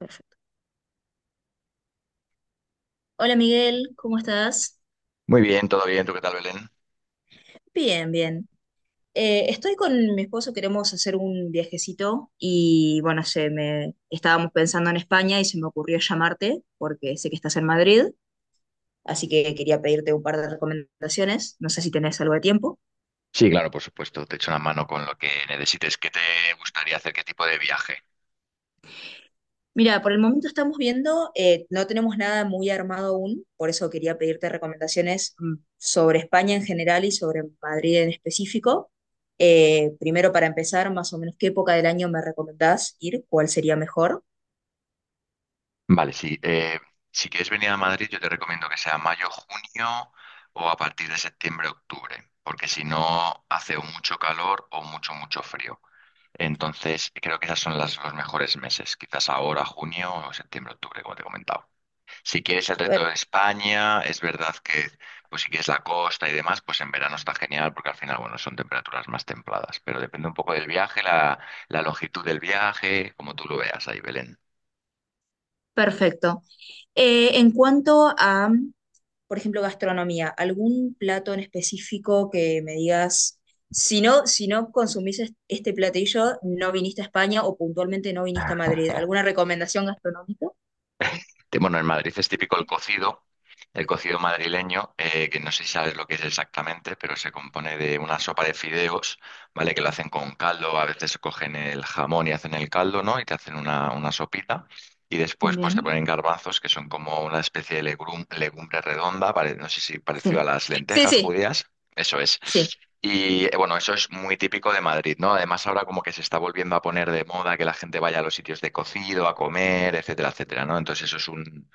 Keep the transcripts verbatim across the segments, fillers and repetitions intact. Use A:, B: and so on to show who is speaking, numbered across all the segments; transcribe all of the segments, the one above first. A: Perfecto. Hola Miguel, ¿cómo estás?
B: Muy bien, todo bien. ¿Tú qué tal, Belén?
A: Bien, bien. Eh, estoy con mi esposo, queremos hacer un viajecito y bueno, se me estábamos pensando en España y se me ocurrió llamarte porque sé que estás en Madrid, así que quería pedirte un par de recomendaciones. No sé si tenés algo de tiempo.
B: Sí, claro, por supuesto, te echo una mano con lo que necesites. ¿Qué te gustaría hacer? ¿Qué tipo de viaje?
A: Mira, por el momento estamos viendo, eh, no tenemos nada muy armado aún, por eso quería pedirte recomendaciones mm, sobre España en general y sobre Madrid en específico. Eh, primero, para empezar, más o menos, ¿qué época del año me recomendás ir? ¿Cuál sería mejor?
B: Vale, sí. Eh, si quieres venir a Madrid, yo te recomiendo que sea mayo, junio o a partir de septiembre, octubre, porque si no hace o mucho calor o mucho, mucho frío. Entonces, creo que esas son las, los mejores meses, quizás ahora, junio o septiembre, octubre, como te he comentado. Si quieres el
A: Per-
B: resto de España, es verdad que, pues si quieres la costa y demás, pues en verano está genial porque al final, bueno, son temperaturas más templadas, pero depende un poco del viaje, la, la longitud del viaje, como tú lo veas ahí, Belén.
A: Perfecto. Eh, en cuanto a, por ejemplo, gastronomía, ¿algún plato en específico que me digas, si no, si no consumís es- este platillo, no viniste a España o puntualmente no viniste a Madrid? ¿Alguna recomendación gastronómica?
B: Te- Bueno, en Madrid es típico el cocido, el cocido madrileño, eh, que no sé si sabes lo que es exactamente, pero se compone de una sopa de fideos, ¿vale? Que lo hacen con caldo, a veces cogen el jamón y hacen el caldo, ¿no? Y te hacen una, una sopita. Y después, pues te
A: Bien,
B: ponen garbanzos, que son como una especie de legrum- legumbre redonda, pare- no sé si parecido a
A: sí,
B: las
A: sí,
B: lentejas
A: sí,
B: judías. Eso es.
A: sí,
B: Y eh, bueno, eso es muy típico de Madrid, ¿no? Además, ahora como que se está volviendo a poner de moda que la gente vaya a los sitios de cocido, a comer, etcétera, etcétera, ¿no? Entonces eso es un,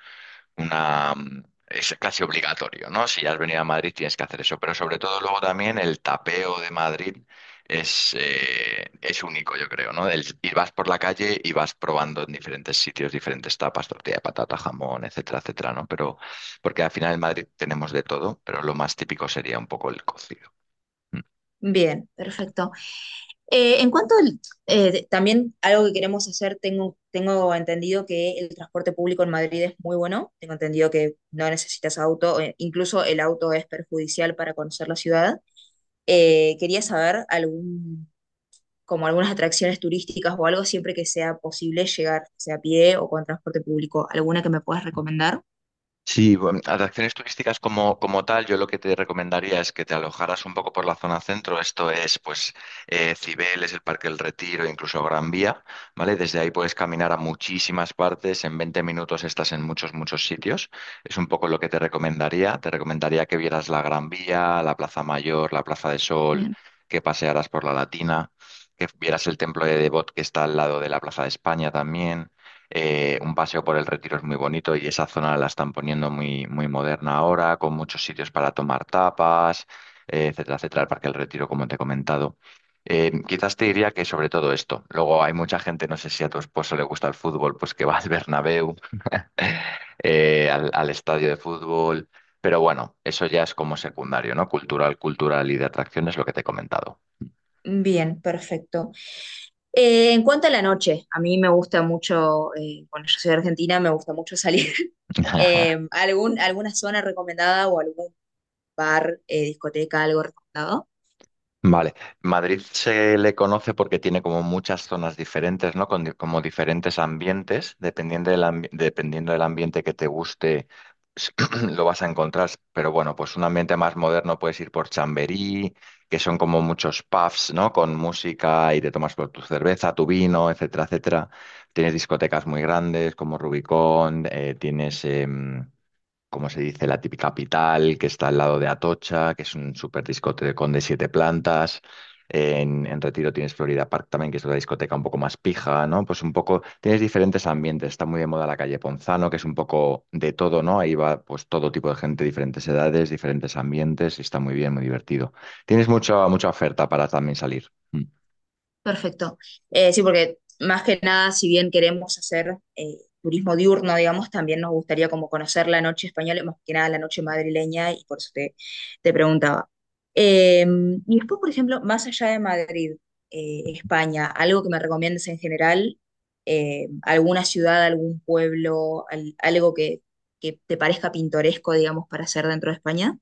B: una, mm, es casi obligatorio, ¿no? Si has venido a Madrid tienes que hacer eso. Pero sobre todo luego también el tapeo de Madrid es, eh, es único, yo creo, ¿no? El, y vas por la calle y vas probando en diferentes sitios, diferentes tapas, tortilla de patata, jamón, etcétera, etcétera, ¿no? Pero porque al final en Madrid tenemos de todo, pero lo más típico sería un poco el cocido.
A: bien, perfecto. Eh, en cuanto al, eh, de- también algo que queremos hacer, tengo, tengo entendido que el transporte público en Madrid es muy bueno, tengo entendido que no necesitas auto, eh, incluso el auto es perjudicial para conocer la ciudad. Eh, quería saber algún, como algunas atracciones turísticas o algo, siempre que sea posible llegar, sea a pie o con transporte público, ¿alguna que me puedas recomendar?
B: Sí, bueno, atracciones turísticas como, como tal, yo lo que te recomendaría es que te alojaras un poco por la zona centro. Esto es, pues, eh, Cibeles, el Parque del Retiro, incluso Gran Vía, ¿vale? Desde ahí puedes caminar a muchísimas partes. En veinte minutos estás en muchos, muchos sitios. Es un poco lo que te recomendaría. Te recomendaría que vieras la Gran Vía, la Plaza Mayor, la Plaza de Sol, que pasearas por la Latina, que vieras el Templo de Devot que está al lado de la Plaza de España también, eh, un paseo por el Retiro es muy bonito y esa zona la están poniendo muy, muy moderna ahora, con muchos sitios para tomar tapas, eh, etcétera, etcétera. El Parque del Retiro, como te he comentado. Eh, quizás te diría que sobre todo esto. Luego hay mucha gente, no sé si a tu esposo le gusta el fútbol, pues que va al Bernabéu, eh, al, al estadio de fútbol. Pero bueno, eso ya es como secundario, ¿no? Cultural, cultural y de atracciones, lo que te he comentado.
A: Bien, perfecto. Eh, en cuanto a la noche, a mí me gusta mucho, eh, bueno, yo soy de Argentina, me gusta mucho salir. Eh, ¿algún, Alguna zona recomendada o algún bar, eh, discoteca, algo recomendado?
B: Vale, Madrid se le conoce porque tiene como muchas zonas diferentes, ¿no? Con di- como diferentes ambientes, dependiendo del ambi- dependiendo del ambiente que te guste, s- lo vas a encontrar. Pero bueno, pues un ambiente más moderno puedes ir por Chamberí, que son como muchos pubs, ¿no? Con música y te tomas por tu cerveza, tu vino, etcétera, etcétera. Tienes discotecas muy grandes como Rubicón, eh, tienes em, como se dice, la típica Pital, que está al lado de Atocha, que es un súper discotecón de siete plantas. En, en Retiro tienes Florida Park también, que es otra discoteca un poco más pija, ¿no? Pues un poco, tienes diferentes ambientes. Está muy de moda la calle Ponzano, que es un poco de todo, ¿no? Ahí va pues todo tipo de gente, diferentes edades, diferentes ambientes, y está muy bien, muy divertido. Tienes mucha, mucha oferta para también salir.
A: Perfecto. Eh, sí, porque más que nada, si bien queremos hacer eh, turismo diurno, digamos, también nos gustaría como conocer la noche española, más que nada la noche madrileña, y por eso te, te preguntaba. Eh, y después, por ejemplo, más allá de Madrid, eh, España, algo que me recomiendes en general, eh, alguna ciudad, algún pueblo, al- algo que, que te parezca pintoresco, digamos, para hacer dentro de España.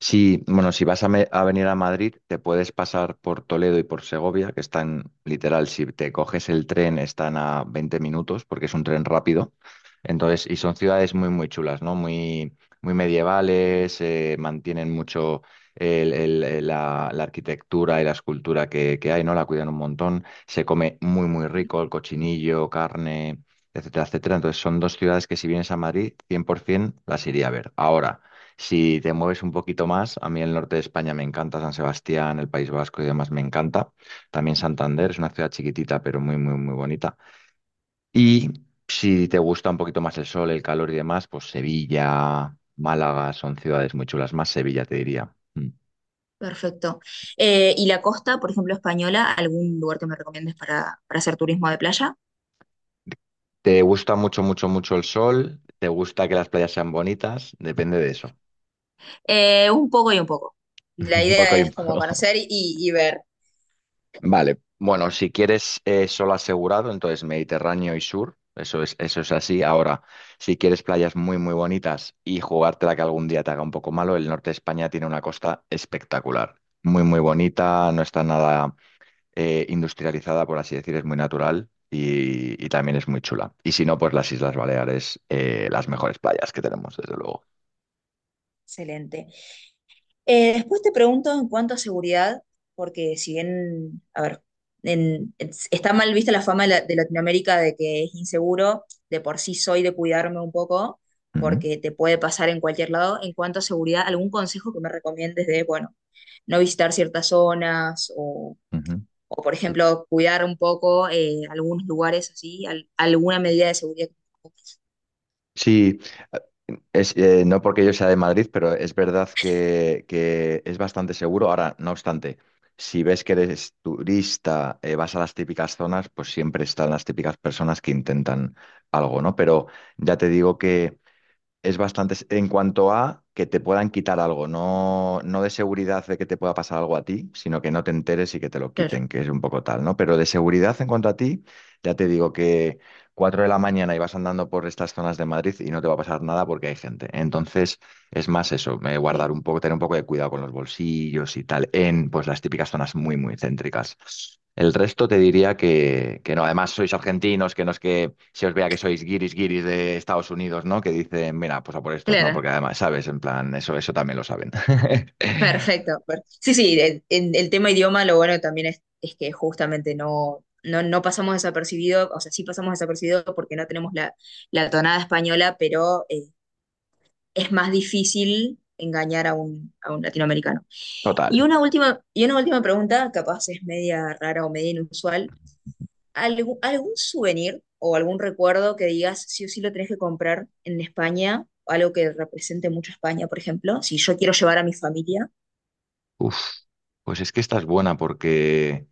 B: Sí, bueno, si vas a, me- a venir a Madrid, te puedes pasar por Toledo y por Segovia, que están literal, si te coges el tren, están a veinte minutos, porque es un tren rápido. Entonces, y son ciudades muy, muy chulas, ¿no? Muy, muy medievales, eh, mantienen mucho el- el- el- la, la arquitectura y la escultura que, que hay, ¿no? La cuidan un montón. Se come muy, muy rico, el cochinillo, carne, etcétera, etcétera. Entonces, son dos ciudades que si vienes a Madrid, cien por ciento las iría a ver. Ahora. Si te mueves un poquito más, a mí el norte de España me encanta, San Sebastián, el País Vasco y demás me encanta. También Santander es una ciudad chiquitita, pero muy, muy, muy bonita. Y si te gusta un poquito más el sol, el calor y demás, pues Sevilla, Málaga son ciudades muy chulas, más Sevilla te diría. Mm.
A: Perfecto. Eh, ¿y la costa, por ejemplo, española, algún lugar que me recomiendes para, para hacer turismo de playa?
B: ¿Te gusta mucho, mucho, mucho el sol? ¿Te gusta que las playas sean bonitas? Depende de eso.
A: Eh, un poco y un poco. La
B: Un poco
A: idea
B: y un
A: es como
B: poco.
A: conocer y, y ver.
B: Vale, bueno, si quieres eh, solo asegurado, entonces Mediterráneo y sur, eso es, eso es así. Ahora, si quieres playas muy, muy bonitas y jugártela que algún día te haga un poco malo, el norte de España tiene una costa espectacular, muy, muy bonita, no está nada eh, industrializada, por así decir, es muy natural y, y también es muy chula. Y si no, pues las Islas Baleares, eh, las mejores playas que tenemos, desde luego.
A: Excelente. Eh, después te pregunto en cuanto a seguridad, porque si bien, a ver, en- es- está mal vista la fama de, la- de Latinoamérica de que es inseguro, de por sí soy de cuidarme un poco,
B: Ujú,
A: porque te puede pasar en cualquier lado. En cuanto a seguridad, ¿algún consejo que me recomiendes de, bueno, no visitar ciertas zonas
B: ujú.
A: o por ejemplo, cuidar un poco eh, algunos lugares así, al- alguna medida de seguridad?
B: Sí, Es, eh, no porque yo sea de Madrid, pero es verdad que, que es bastante seguro. Ahora, no obstante, si ves que eres turista, eh, vas a las típicas zonas, pues siempre están las típicas personas que intentan algo, ¿no? Pero ya te digo que es bastante en cuanto a que te puedan quitar algo, no, no de seguridad de que te pueda pasar algo a ti, sino que no te enteres y que te lo
A: Claro,
B: quiten, que es un poco tal, ¿no? Pero de seguridad en cuanto a ti, ya te digo que cuatro de la mañana y vas andando por estas zonas de Madrid y no te va a pasar nada porque hay gente. Entonces, es más eso, eh,
A: sí,
B: guardar un poco, tener un poco de cuidado con los bolsillos y tal, en pues las típicas zonas muy, muy céntricas. El resto te diría que, que no. Además, sois argentinos, que no es que se os vea que sois guiris guiris de Estados Unidos, ¿no? Que dicen, mira, pues a por estos, no,
A: claro,
B: porque además, ¿sabes? En plan, eso, eso también lo saben.
A: perfecto. per- Sí, sí, el, en el tema idioma lo bueno también es, es que justamente no, no, no pasamos desapercibido, o sea, sí pasamos desapercibido porque no tenemos la, la tonada española, pero eh, es más difícil engañar a un, a un latinoamericano. Y
B: Total.
A: una última, y una última pregunta, capaz es media rara o media inusual. ¿Algú- ¿Algún souvenir o algún recuerdo que digas sí o sí lo tenés que comprar en España? Algo que represente mucho a España, por ejemplo. Si yo quiero llevar a mi familia.
B: Uf. Pues es que esta es buena porque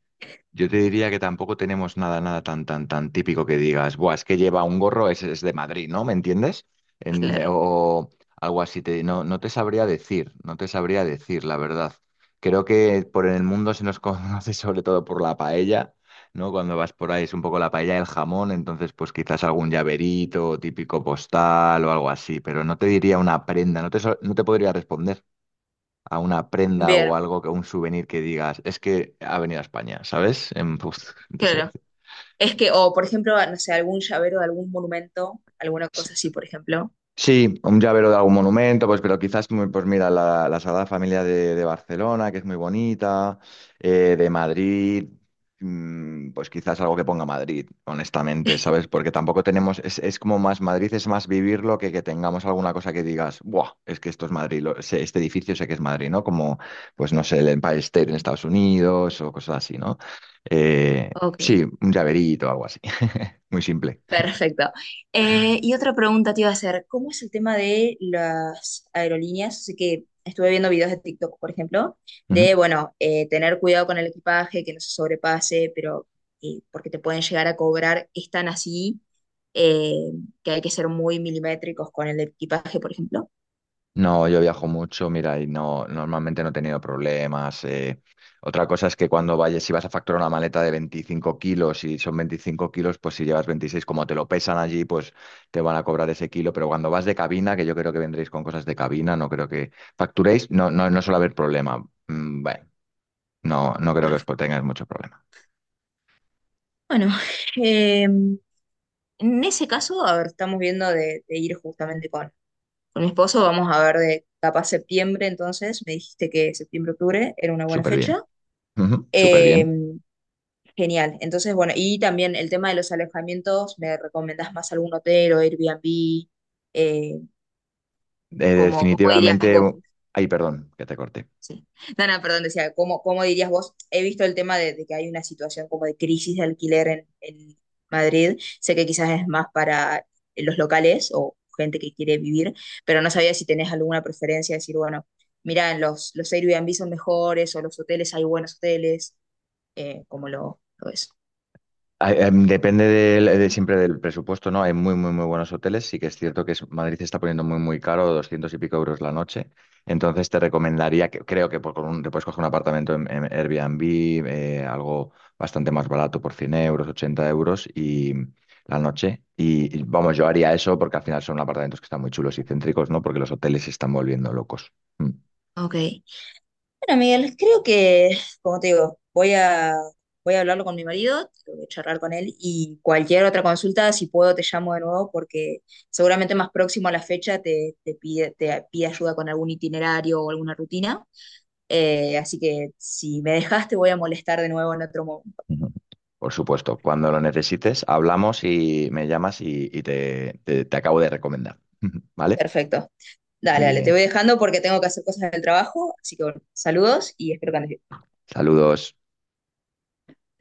B: yo te diría que tampoco tenemos nada, nada tan, tan, tan típico que digas, buah, es que lleva un gorro, es, es de Madrid, ¿no? ¿Me entiendes? En-
A: Claro,
B: o algo así, te, no, no te sabría decir, no te sabría decir, la verdad. Creo que por el mundo se nos conoce sobre todo por la paella, ¿no? Cuando vas por ahí es un poco la paella, el jamón, entonces pues quizás algún llaverito, típico postal o algo así, pero no te diría una prenda, no te, so- no te podría responder a una prenda o
A: bien
B: algo, que un souvenir que digas, es que ha venido a España, ¿sabes? En, pues, no te sé.
A: claro. Es que, o por ejemplo, no sé, algún llavero de algún monumento, alguna cosa así, por ejemplo.
B: Sí, un llavero de algún monumento, pues, pero quizás, muy- pues mira, la, la Sagrada Familia de, de Barcelona, que es muy bonita, eh, de Madrid, mm, pues quizás algo que ponga Madrid, honestamente, ¿sabes? Porque tampoco tenemos, es, es como más Madrid, es más vivirlo que que tengamos alguna cosa que digas, ¡buah! Es que esto es Madrid, lo- se- este edificio sé que es Madrid, ¿no? Como, pues no sé, el Empire State en Estados Unidos o cosas así, ¿no? Eh,
A: Ok.
B: sí, un llaverito, algo así, muy simple.
A: Perfecto. Eh, y otra pregunta te iba a hacer, ¿cómo es el tema de las aerolíneas? Sé que estuve viendo videos de TikTok, por ejemplo, de, bueno, eh, tener cuidado con el equipaje, que no se sobrepase, pero eh, porque te pueden llegar a cobrar, es tan así eh, que hay que ser muy milimétricos con el equipaje, por ejemplo.
B: No, yo viajo mucho, mira, y no, normalmente no he tenido problemas. eh. Otra cosa es que cuando vayas, si vas a facturar una maleta de veinticinco kilos y son veinticinco kilos, pues si llevas veintiséis, como te lo pesan allí, pues te van a cobrar ese kilo. Pero cuando vas de cabina, que yo creo que vendréis con cosas de cabina, no creo que facturéis, no, no, no suele haber problema. Mm, Bueno, no, no creo que os
A: Perfecto.
B: tengáis mucho problema.
A: Bueno, eh, en ese caso, a ver, estamos viendo de, de ir justamente con con mi esposo, vamos a ver de capaz septiembre, entonces, me dijiste que septiembre, octubre era una buena
B: Súper bien.
A: fecha.
B: Ujú, súper
A: Eh,
B: bien.
A: Genial, entonces, bueno, y también el tema de los alojamientos, ¿me recomendás más algún hotel o Airbnb? Eh,
B: Eh,
A: ¿cómo, Cómo dirías
B: definitivamente,
A: vos?
B: ay, perdón, que te corté.
A: Sí. No, no, perdón, decía, ¿cómo, cómo dirías vos? He visto el tema de, de que hay una situación como de crisis de alquiler en, en Madrid. Sé que quizás es más para los locales o gente que quiere vivir, pero no sabía si tenés alguna preferencia, decir, bueno, mira, los, los Airbnb son mejores o los hoteles, hay buenos hoteles, eh, como lo, lo es.
B: Hay- em, Depende del- de siempre del presupuesto, ¿no? Hay muy, muy, muy buenos hoteles. Sí que es cierto que es- Madrid se está poniendo muy, muy caro, doscientos y pico euros la noche. Entonces te recomendaría, que, creo que por, con un- te puedes coger un apartamento en, en Airbnb, eh, algo bastante más barato por cien euros, ochenta euros y la noche. Y, y, vamos, yo haría eso porque al final son apartamentos que están muy chulos y céntricos, ¿no? Porque los hoteles se están volviendo locos. Mm.
A: Ok. Bueno, Miguel, creo que, como te digo, voy a, voy a hablarlo con mi marido, tengo que charlar con él y cualquier otra consulta, si puedo, te llamo de nuevo porque seguramente más próximo a la fecha te, te pide, te pide ayuda con algún itinerario o alguna rutina. Eh, así que si me dejas, te voy a molestar de nuevo en otro momento.
B: Ujú. Por supuesto, cuando lo necesites, hablamos y me llamas y, y te, te te acabo de recomendar. ¿Vale?
A: Perfecto.
B: Muy
A: Dale, dale, te voy
B: bien.
A: dejando porque tengo que hacer cosas del trabajo. Así que bueno, saludos y espero que andes bien.
B: Saludos.